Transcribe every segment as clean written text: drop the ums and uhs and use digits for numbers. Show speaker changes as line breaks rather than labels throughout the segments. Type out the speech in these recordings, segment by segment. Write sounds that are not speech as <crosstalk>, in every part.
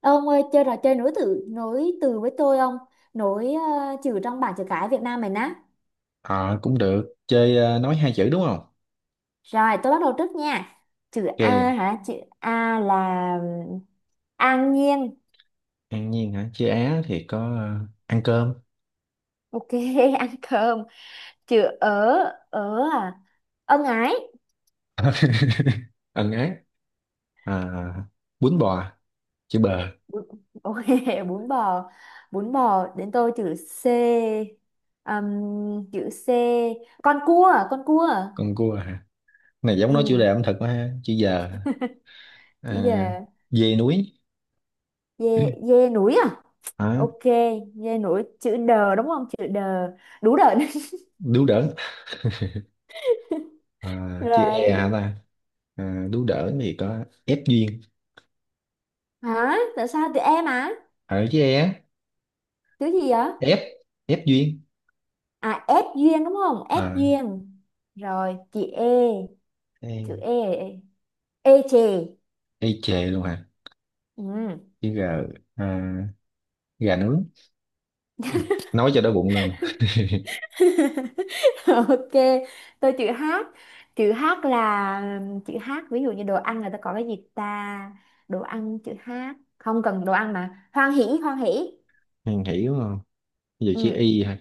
Ông ơi, chơi trò chơi nối từ với tôi. Ông nối chữ trong bảng chữ cái Việt Nam mình á.
Ờ cũng được chơi nói hai chữ, đúng không?
Rồi tôi bắt đầu trước nha. Chữ A
Ok,
hả? Chữ A là ừm, an nhiên.
an nhiên hả? Chơi á thì có ăn cơm.
Ok. <laughs> Ăn cơm. Chữ ở. Ở à? Ân ái.
<laughs> Ẩn ái. à, Bún bò, chữ bờ.
Bún- ok. <laughs> Bún bò. Bún bò. Đến tôi chữ C. Chữ C, con cua, con cua.
Con cua hả? Này giống nói chủ
Ừ.
đề ẩm thực quá ha. Chữ giờ,
Chữ
à,
dê.
dê núi.
Dê.
<clears throat>
Dê núi à?
Hả?
Ok. Dây nổi chữ đờ đúng không? Chữ đờ. Đủ đờ. <laughs>
Đú đỡn. Chữ e
Rồi.
hả ta? Đú đỡn thì có ép duyên.
Hả? Tại sao tụi em à?
Ở chữ e á,
Chữ gì vậy?
ép, ép duyên.
À, ép duyên đúng không? Ép
à,
duyên. Rồi chị e. Chữ
E,
e. E chè.
e chề luôn hả?
Ừ.
Chữ g, à, gà nướng. Nói cho đói bụng luôn.
<laughs> Ok. Tôi chữ h. Chữ h là, chữ h ví dụ như đồ ăn người ta có cái gì ta? Đồ ăn chữ h. Không cần đồ ăn mà, hoan hỉ, hoan hỉ.
Hàng, hiểu không? Ví dụ chữ
Ừ.
Y hả?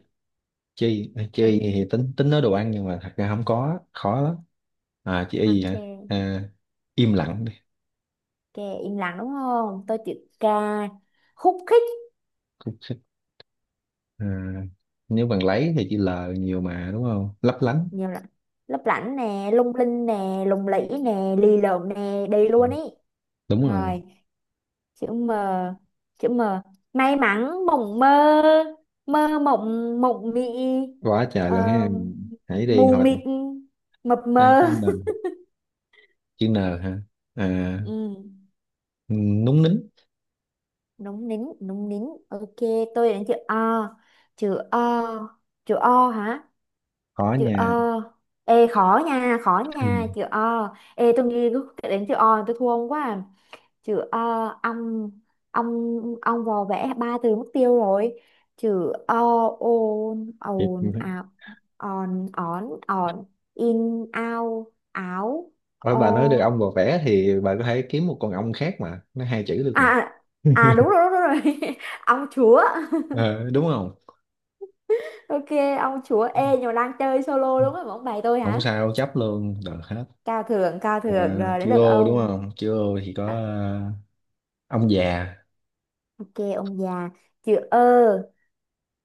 Chữ Y, chữ
Ừ.
Y thì tính tính nói đồ ăn nhưng mà thật ra không có, khó lắm. À, chữ Y hả?
Ok.
À, im lặng đi.
Ok, im lặng đúng không? Tôi chữ k, khúc khích.
Cũng thích. À, nếu bằng lấy thì chữ L nhiều mà đúng không? Lấp lánh.
Nhiều lắm. Lấp lánh nè, lung linh nè, lùng lĩ nè, lì lợm nè, đi
Ừ,
luôn ý.
đúng rồi.
Rồi chữ M. Chữ M, may mắn, mộng mơ, mơ mộng, mộng mị.
Quá trời
ờ,
luôn ha. Hãy đi
Mù
hồi nè.
mịt, mập
Đây
mờ.
chữ N. Chữ N hả? À,
Ừ,
núng nính.
núng nín, núng nín. Ok, tôi đến chữ O. Chữ O. Chữ O hả?
Khó
Chữ O.
nha.
Ê khó nha, khó
Ừ.
nha. Chữ O. Ê, tôi nghĩ đến chữ O tôi thua ông quá à. Chứ ông ông ông vò vẽ ba từ mất tiêu rồi. Chữ o, ôn,
Thiệt.
ồn ào, on on on, in, ao, áo,
Thôi
o.
bà nói được ong vò vẽ thì bà có thể kiếm một con ong khác mà. Nó hai chữ được
À,
mà.
à, à, đúng rồi, đúng rồi, đúng rồi. <laughs> Ông chúa. <laughs>
Ờ, đúng không?
Ok, ông chúa. Ê, nhưng mà đang chơi solo đúng không? Ông bày tôi
Không
hả?
sao, chấp luôn được hết.
Cao thượng, cao thượng.
à,
Rồi đến
Chữ
lượt
ô đúng
ông.
không? Chữ ô thì có,
À,
ông già.
ok. Ông già. Chữ ơ.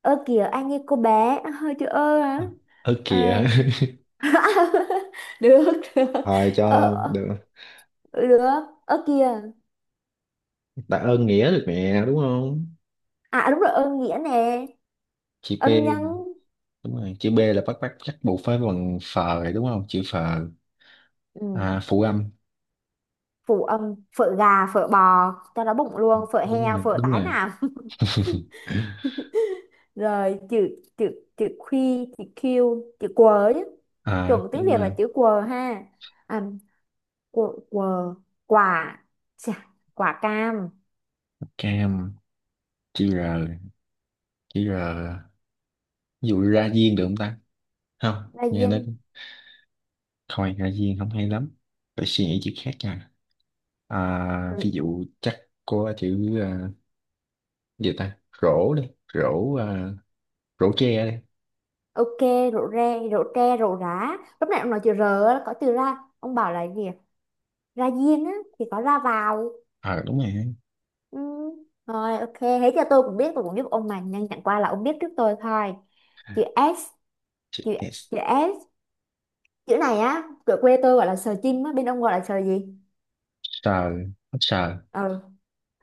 Ơ kìa, anh như cô bé hơi. Chữ ơ
Ờ,
hả?
ớ
Ờ.
kìa. <laughs>
<laughs> Được, được.
Thôi cho
ờ,
luôn
ờ,
được.
Được. Ơ kìa.
Tạ ơn nghĩa được mẹ đúng không?
À, đúng rồi, âm nghĩa nè.
Chữ P.
Âm nhân.
Đúng rồi, chữ B là bắt bắt chắc buộc phải bằng phờ rồi đúng không? Chữ phờ,
Ừ.
phụ âm.
Phụ âm, phở gà, phở bò, cho nó bụng luôn, phở
Đúng
heo,
rồi,
phở
đúng
tái
rồi.
nào.
<laughs>
<laughs> Rồi chữ chữ chữ khuy, chữ q, chữ quờ chứ.
À,
Chuẩn tiếng
nhưng
Việt là
mà
chữ quờ ha. À, quờ, quờ. Quả. Chà, quả cam.
cam. Chữ R, chữ R, ví dụ ra diên được không ta? Không
Là
nghe nó.
viên.
Thôi Hạ Viên không hay lắm. Phải suy nghĩ chữ khác nha. À, ví
Ừ,
dụ chắc có chữ, gì ta? Rổ đi. Rổ, rổ tre đi.
ok. Rượu re, rượu tre, rượu rá. Lúc nãy ông nói chữ r á, có từ ra, ông bảo là gì? Ra diên á, thì có ra vào.
Ờ đúng rồi.
Ừ. Rồi ok, thế cho tôi cũng biết. Tôi cũng giúp ông mà, nhưng chẳng qua là ông biết trước tôi thôi. Chữ S.
Chữ
chữ
S.
chữ S. Chữ này á, ở quê tôi gọi là sờ chim á, bên ông gọi là sờ gì?
Sờ. Ít sờ.
Ờ,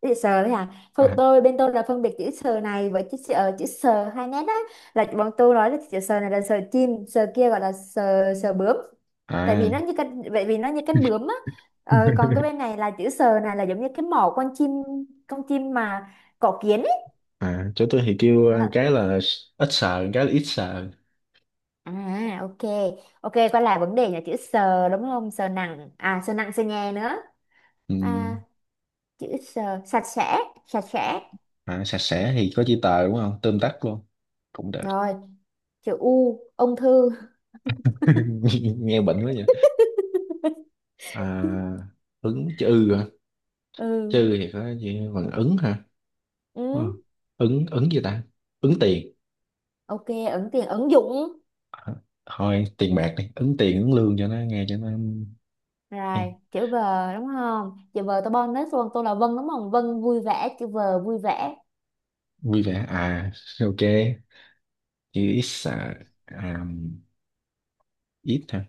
chữ sờ đấy à? Thôi,
À.
tôi bên tôi là phân biệt chữ sờ này với chữ sờ, chữ sờ hai nét á, là bọn tôi nói là chữ sờ này là sờ chim, sờ kia gọi là sờ, sờ bướm. Tại vì
À.
nó như cánh vậy, vì nó như cánh bướm á. Ờ, còn cái
<laughs>
bên này là chữ sờ này là giống như cái mỏ con chim. Con chim mà có kiến.
À, chỗ tôi thì kêu
Đó.
cái là ít sờ, cái là ít sờ.
À, ok. Ok, quay lại vấn đề là chữ sờ đúng không? Sờ nặng. À, sờ nặng, sờ nhẹ nữa.
Ừ.
À, chữ sờ sạch sẽ, sạch sẽ.
À, sạch sẽ thì có chữ tờ đúng không? Tóm tắt luôn. Cũng được.
Rồi, chữ U, ung thư.
<laughs> Nghe bệnh quá vậy.
<laughs>
À, ứng chữ ư hả?
Ừ.
Chữ thì có chữ bằng ứng hả?
Ừ.
Ờ. Ứng, ứng gì ta? Ứng tiền.
Ok, ứng tiền, ứng dụng.
Hả? Thôi tiền bạc đi, ứng tiền, ứng lương cho nó nghe, cho nó
Rồi,
hay.
chữ V đúng không? Chữ V tôi bonus luôn, tôi là Vân đúng không? Vân vui vẻ. Chữ V vui vẻ.
Vui vẻ à? Ok, chữ ít, à, ít hả?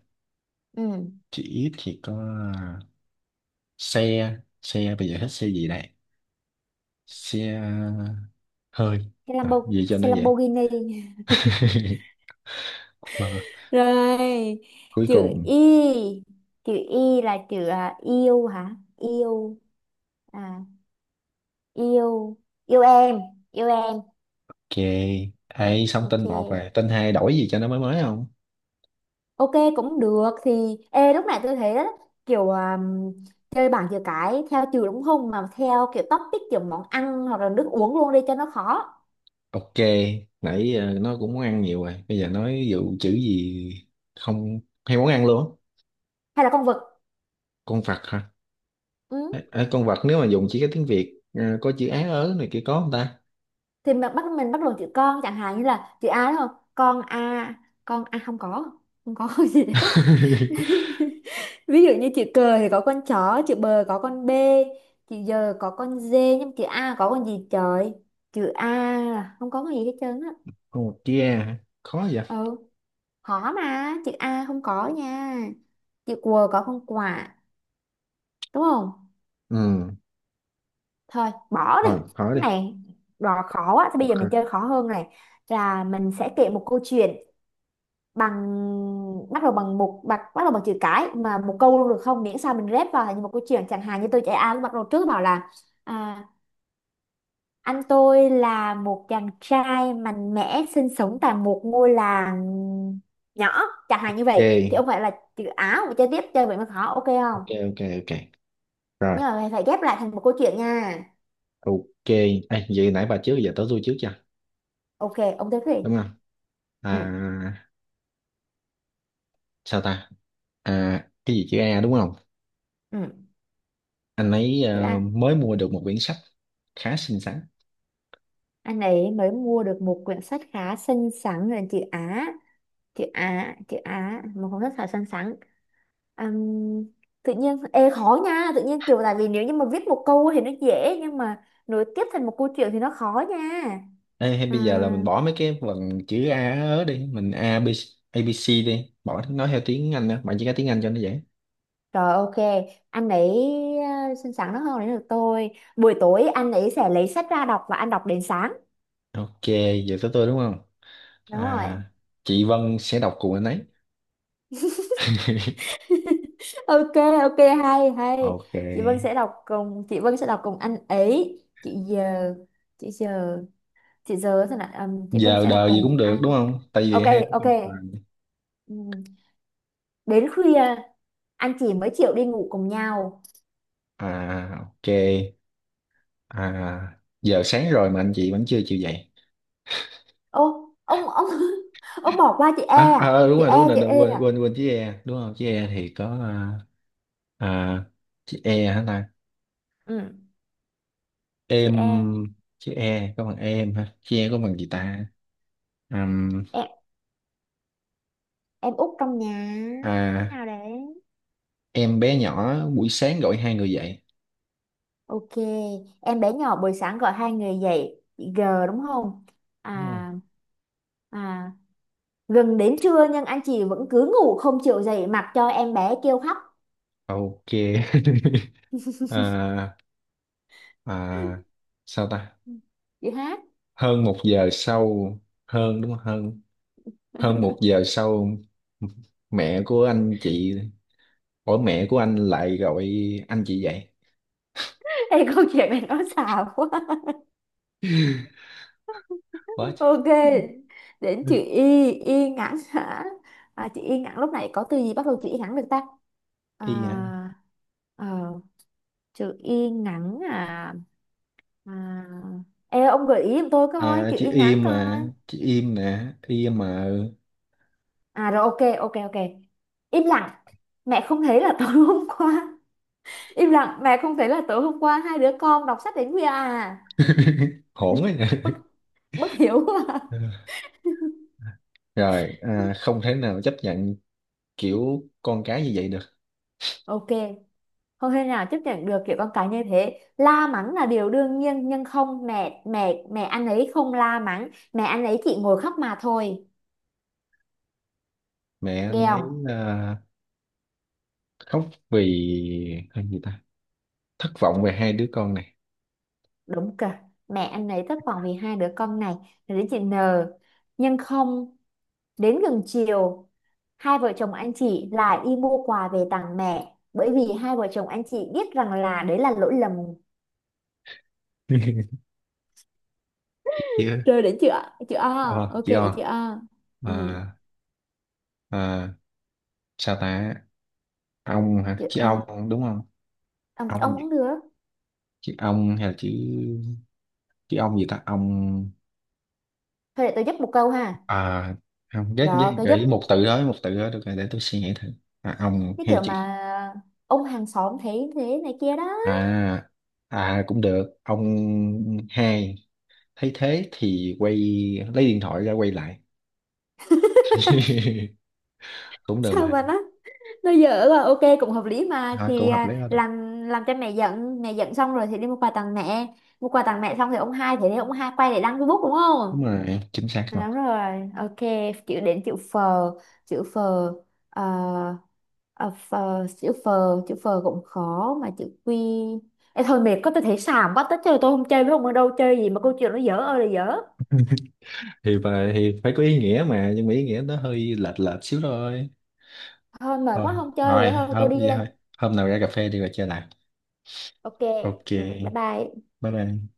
Ừ.
Chữ ít thì có, à, xe, xe bây giờ hết xe gì đây? Xe hơi,
Cái Lambo,
gì cho nó
xe
vậy?
Lamborghini.
<laughs> Mà
Rồi,
cuối
chữ
cùng
y. Chữ y là chữ yêu hả? Yêu. À, yêu. Yêu em. Yêu em.
ok. Ấy xong
Ok.
tên một rồi, tên hai đổi gì cho nó mới mới không?
Ok, cũng được. Thì ê, lúc này tôi thấy đó, kiểu chơi bảng chữ cái theo chữ đúng không, mà theo kiểu topic, kiểu món ăn hoặc là nước uống luôn đi cho nó khó.
Ok, nãy nó cũng món ăn nhiều rồi. Bây giờ nói dụ chữ gì không hay món ăn luôn á.
Hay là con vật?
Con vật hả? Ờ,
Ừ.
ờ, con vật nếu mà dùng chỉ cái tiếng Việt có chữ á ớ này kia có không ta?
Thì mình bắt đầu chữ con, chẳng hạn như là chữ A đúng không? Con A, con A không có. Không có <laughs> gì đấy.
<laughs>
Ví dụ như chữ cờ thì có con chó, chữ bờ có con B, chữ giờ có con D, nhưng chữ A có con gì trời? Chữ A là không có cái gì hết trơn á.
Con vật kia hả? Khó vậy.
Ừ, khó mà, chữ A không có nha. Chữ quờ có con quả, đúng không?
Ừ,
Thôi, bỏ đi.
rồi hỏi
Cái
đi.
này đò khó quá, thì bây
Vật
giờ
hả?
mình chơi khó hơn này. Là mình sẽ kể một câu chuyện bằng bắt đầu bằng một bắt bắt đầu bằng chữ cái, mà một câu luôn được không, miễn sao mình ghép vào thành một câu chuyện. Chẳng hạn như tôi chạy A, lúc bắt đầu trước bảo là à, anh tôi là một chàng trai mạnh mẽ sinh sống tại một ngôi làng nhỏ, chẳng hạn như
Ok,
vậy. Thì ông phải là chữ Á và chơi tiếp. Chơi vậy mới khó, ok không?
ok, ok, ok. Rồi,
Nhưng mà phải, phải ghép lại thành một câu chuyện nha.
ok. Ê, vậy nãy bà trước giờ tới tôi trước chưa?
Ok, ông tiếp đi.
Đúng không?
Ừ.
À, sao ta? À, cái gì chữ A đúng không?
Ừ.
Anh ấy
Chữ Á,
mới mua được một quyển sách khá xinh xắn.
anh ấy mới mua được một quyển sách khá xinh xắn, là chữ Á. Chữ Á, chữ Á, một cuốn sách khá xinh xắn. Ừm, Tự nhiên ê khó nha, tự nhiên kiểu, tại vì nếu như mà viết một câu thì nó dễ, nhưng mà nối tiếp thành một câu chuyện thì nó khó nha.
Ê, hay
À,
bây giờ là mình bỏ mấy cái vần chữ A ớ đi, mình A B a, ABC đi, bỏ nói theo tiếng Anh đó bạn, chỉ có tiếng Anh cho nó dễ.
rồi ok, anh ấy xinh xắn nó hơn đến được tôi. Buổi tối anh ấy sẽ lấy sách ra đọc và anh đọc đến sáng.
Ok, giờ tới tôi đúng không?
Đúng rồi.
À, chị Vân sẽ đọc cùng anh ấy. <laughs>
Ok. Ok, hay hay.
Ok,
Chị Vân sẽ đọc cùng anh ấy. Chị giờ, chị giờ, chị giờ thế nào? Chị Vân
giờ
sẽ đọc
đời gì
cùng
cũng được
anh.
đúng không, tại
Ok.
vì hay nói
Ok.
chung là-
Ừm. Đến khuya anh chị mới chịu đi ngủ cùng nhau.
à ok, à giờ sáng rồi mà anh chị vẫn chưa chịu dậy.
Ô, ông <laughs> ông bỏ qua chị E
À, à
à?
ờ, đúng
Chị
rồi
E,
đúng rồi
chị
đúng
E
rồi, quên
à?
quên quên chữ E đúng không? Chữ E thì có, à, chữ E hả ta?
Ừ, chị
Em.
E.
Chữ e có bằng em ha? Chữ e có bằng gì
Ừ.
ta? Ừm,
em em út trong nhà
à,
nào đấy.
em bé nhỏ buổi sáng gọi hai người dậy.
Ok, em bé nhỏ buổi sáng gọi hai người dậy, chị G đúng không?
Đúng rồi.
À, à. Gần đến trưa nhưng anh chị vẫn cứ ngủ không chịu dậy, mặc cho em bé kêu khóc.
Ok. <laughs> À, à, sao ta?
Ừ. Chị hát.
Hơn một giờ sau, hơn đúng không? Hơn, hơn một
<laughs>
giờ sau mẹ của anh chị, ủa mẹ của anh lại gọi anh chị dậy.
Ê, câu chuyện này nó xàm quá.
What?
Ok, đến chữ Y, Y ngắn hả? À, chữ Y ngắn lúc này có từ gì bắt đầu chữ Y ngắn được ta? À,
Y hả?
ờ, Chữ Y ngắn à, à. Ê, ông gợi ý giùm tôi coi,
À
chữ
chữ
Y ngắn
im
coi.
mà, chữ im nè, im mà.
À rồi, ok, ok, ok. Im lặng, mẹ không thấy là tối hôm qua. Im lặng, mẹ không thấy là tối hôm qua hai đứa con đọc sách đến khuya à.
<laughs>
<laughs>
Hổn ấy.
Bất, bất hiểu quá.
Ừ.
<laughs>
Rồi à, không thể nào chấp nhận kiểu con cái như vậy được.
Ok, không thể nào chấp nhận được kiểu con cái như thế, la mắng là điều đương nhiên. Nhưng không, mẹ mẹ mẹ anh ấy không la mắng, mẹ anh ấy chỉ ngồi khóc mà thôi,
Mẹ
nghe
anh ấy,
không?
à, khóc vì hay gì ta? Thất vọng về hai đứa con này.
Đúng kìa, mẹ anh ấy thất vọng vì hai đứa con này. Rồi đến chị N, nhưng không. Đến gần chiều, hai vợ chồng anh chị lại đi mua quà về tặng mẹ, bởi vì hai vợ chồng anh chị biết rằng là đấy là lỗi lầm.
<laughs> Chị ơi,
Rồi đến chữ A, chữ A,
ờ,
ok
chị
đến chữ
O,
A. Ừ.
à, à, sao ta? Ông hả?
Chị-
Chị
ờ,
ông đúng không?
ông
Ông.
cũng được.
Chị ông hay là chị? Chị ông gì ta? Ông,
Thôi để tôi giúp một câu ha.
à không ghét
Rồi
với,
cái
gợi
giúp,
ý một từ đó, một từ đó được rồi để tôi suy nghĩ thử. À, ông
cái
hay
kiểu
chị?
mà ông hàng xóm thấy thế này kia đó.
À à, cũng được. Ông hai thấy thế thì quay, lấy điện thoại ra quay lại. <laughs>
<laughs>
Cũng được
Sao mà
mà.
nó dở là ok, cũng hợp lý mà.
Thôi cũng
Thì
hợp lý đó, được.
làm cho mẹ giận. Mẹ giận xong rồi thì đi mua quà tặng mẹ. Mua quà tặng mẹ xong thì ông hai, thì để ông hai quay để đăng Facebook đúng
Đúng
không?
rồi, chính xác rồi.
À, đúng rồi, ok. Đến chữ phờ. Chữ phờ. ờ, ờ, Phờ. Chữ phờ, chữ phờ cũng khó mà. Chữ quy. Ê, thôi mệt, có tôi thấy xàm quá tất trời. Tôi không chơi với ông. Ở đâu chơi gì mà câu chuyện nó dở ơi là dở.
Thì phải có ý nghĩa mà, nhưng mà ý nghĩa nó hơi lệch lệch xíu thôi.
Thôi mệt
Thôi,
quá, không chơi nữa,
thôi
thôi tôi
hôm
đi
vậy
đây.
thôi. Hôm nào ra cà phê đi rồi chơi lại.
Ok.
Ok.
Ừ, bye bye.
Bye bye.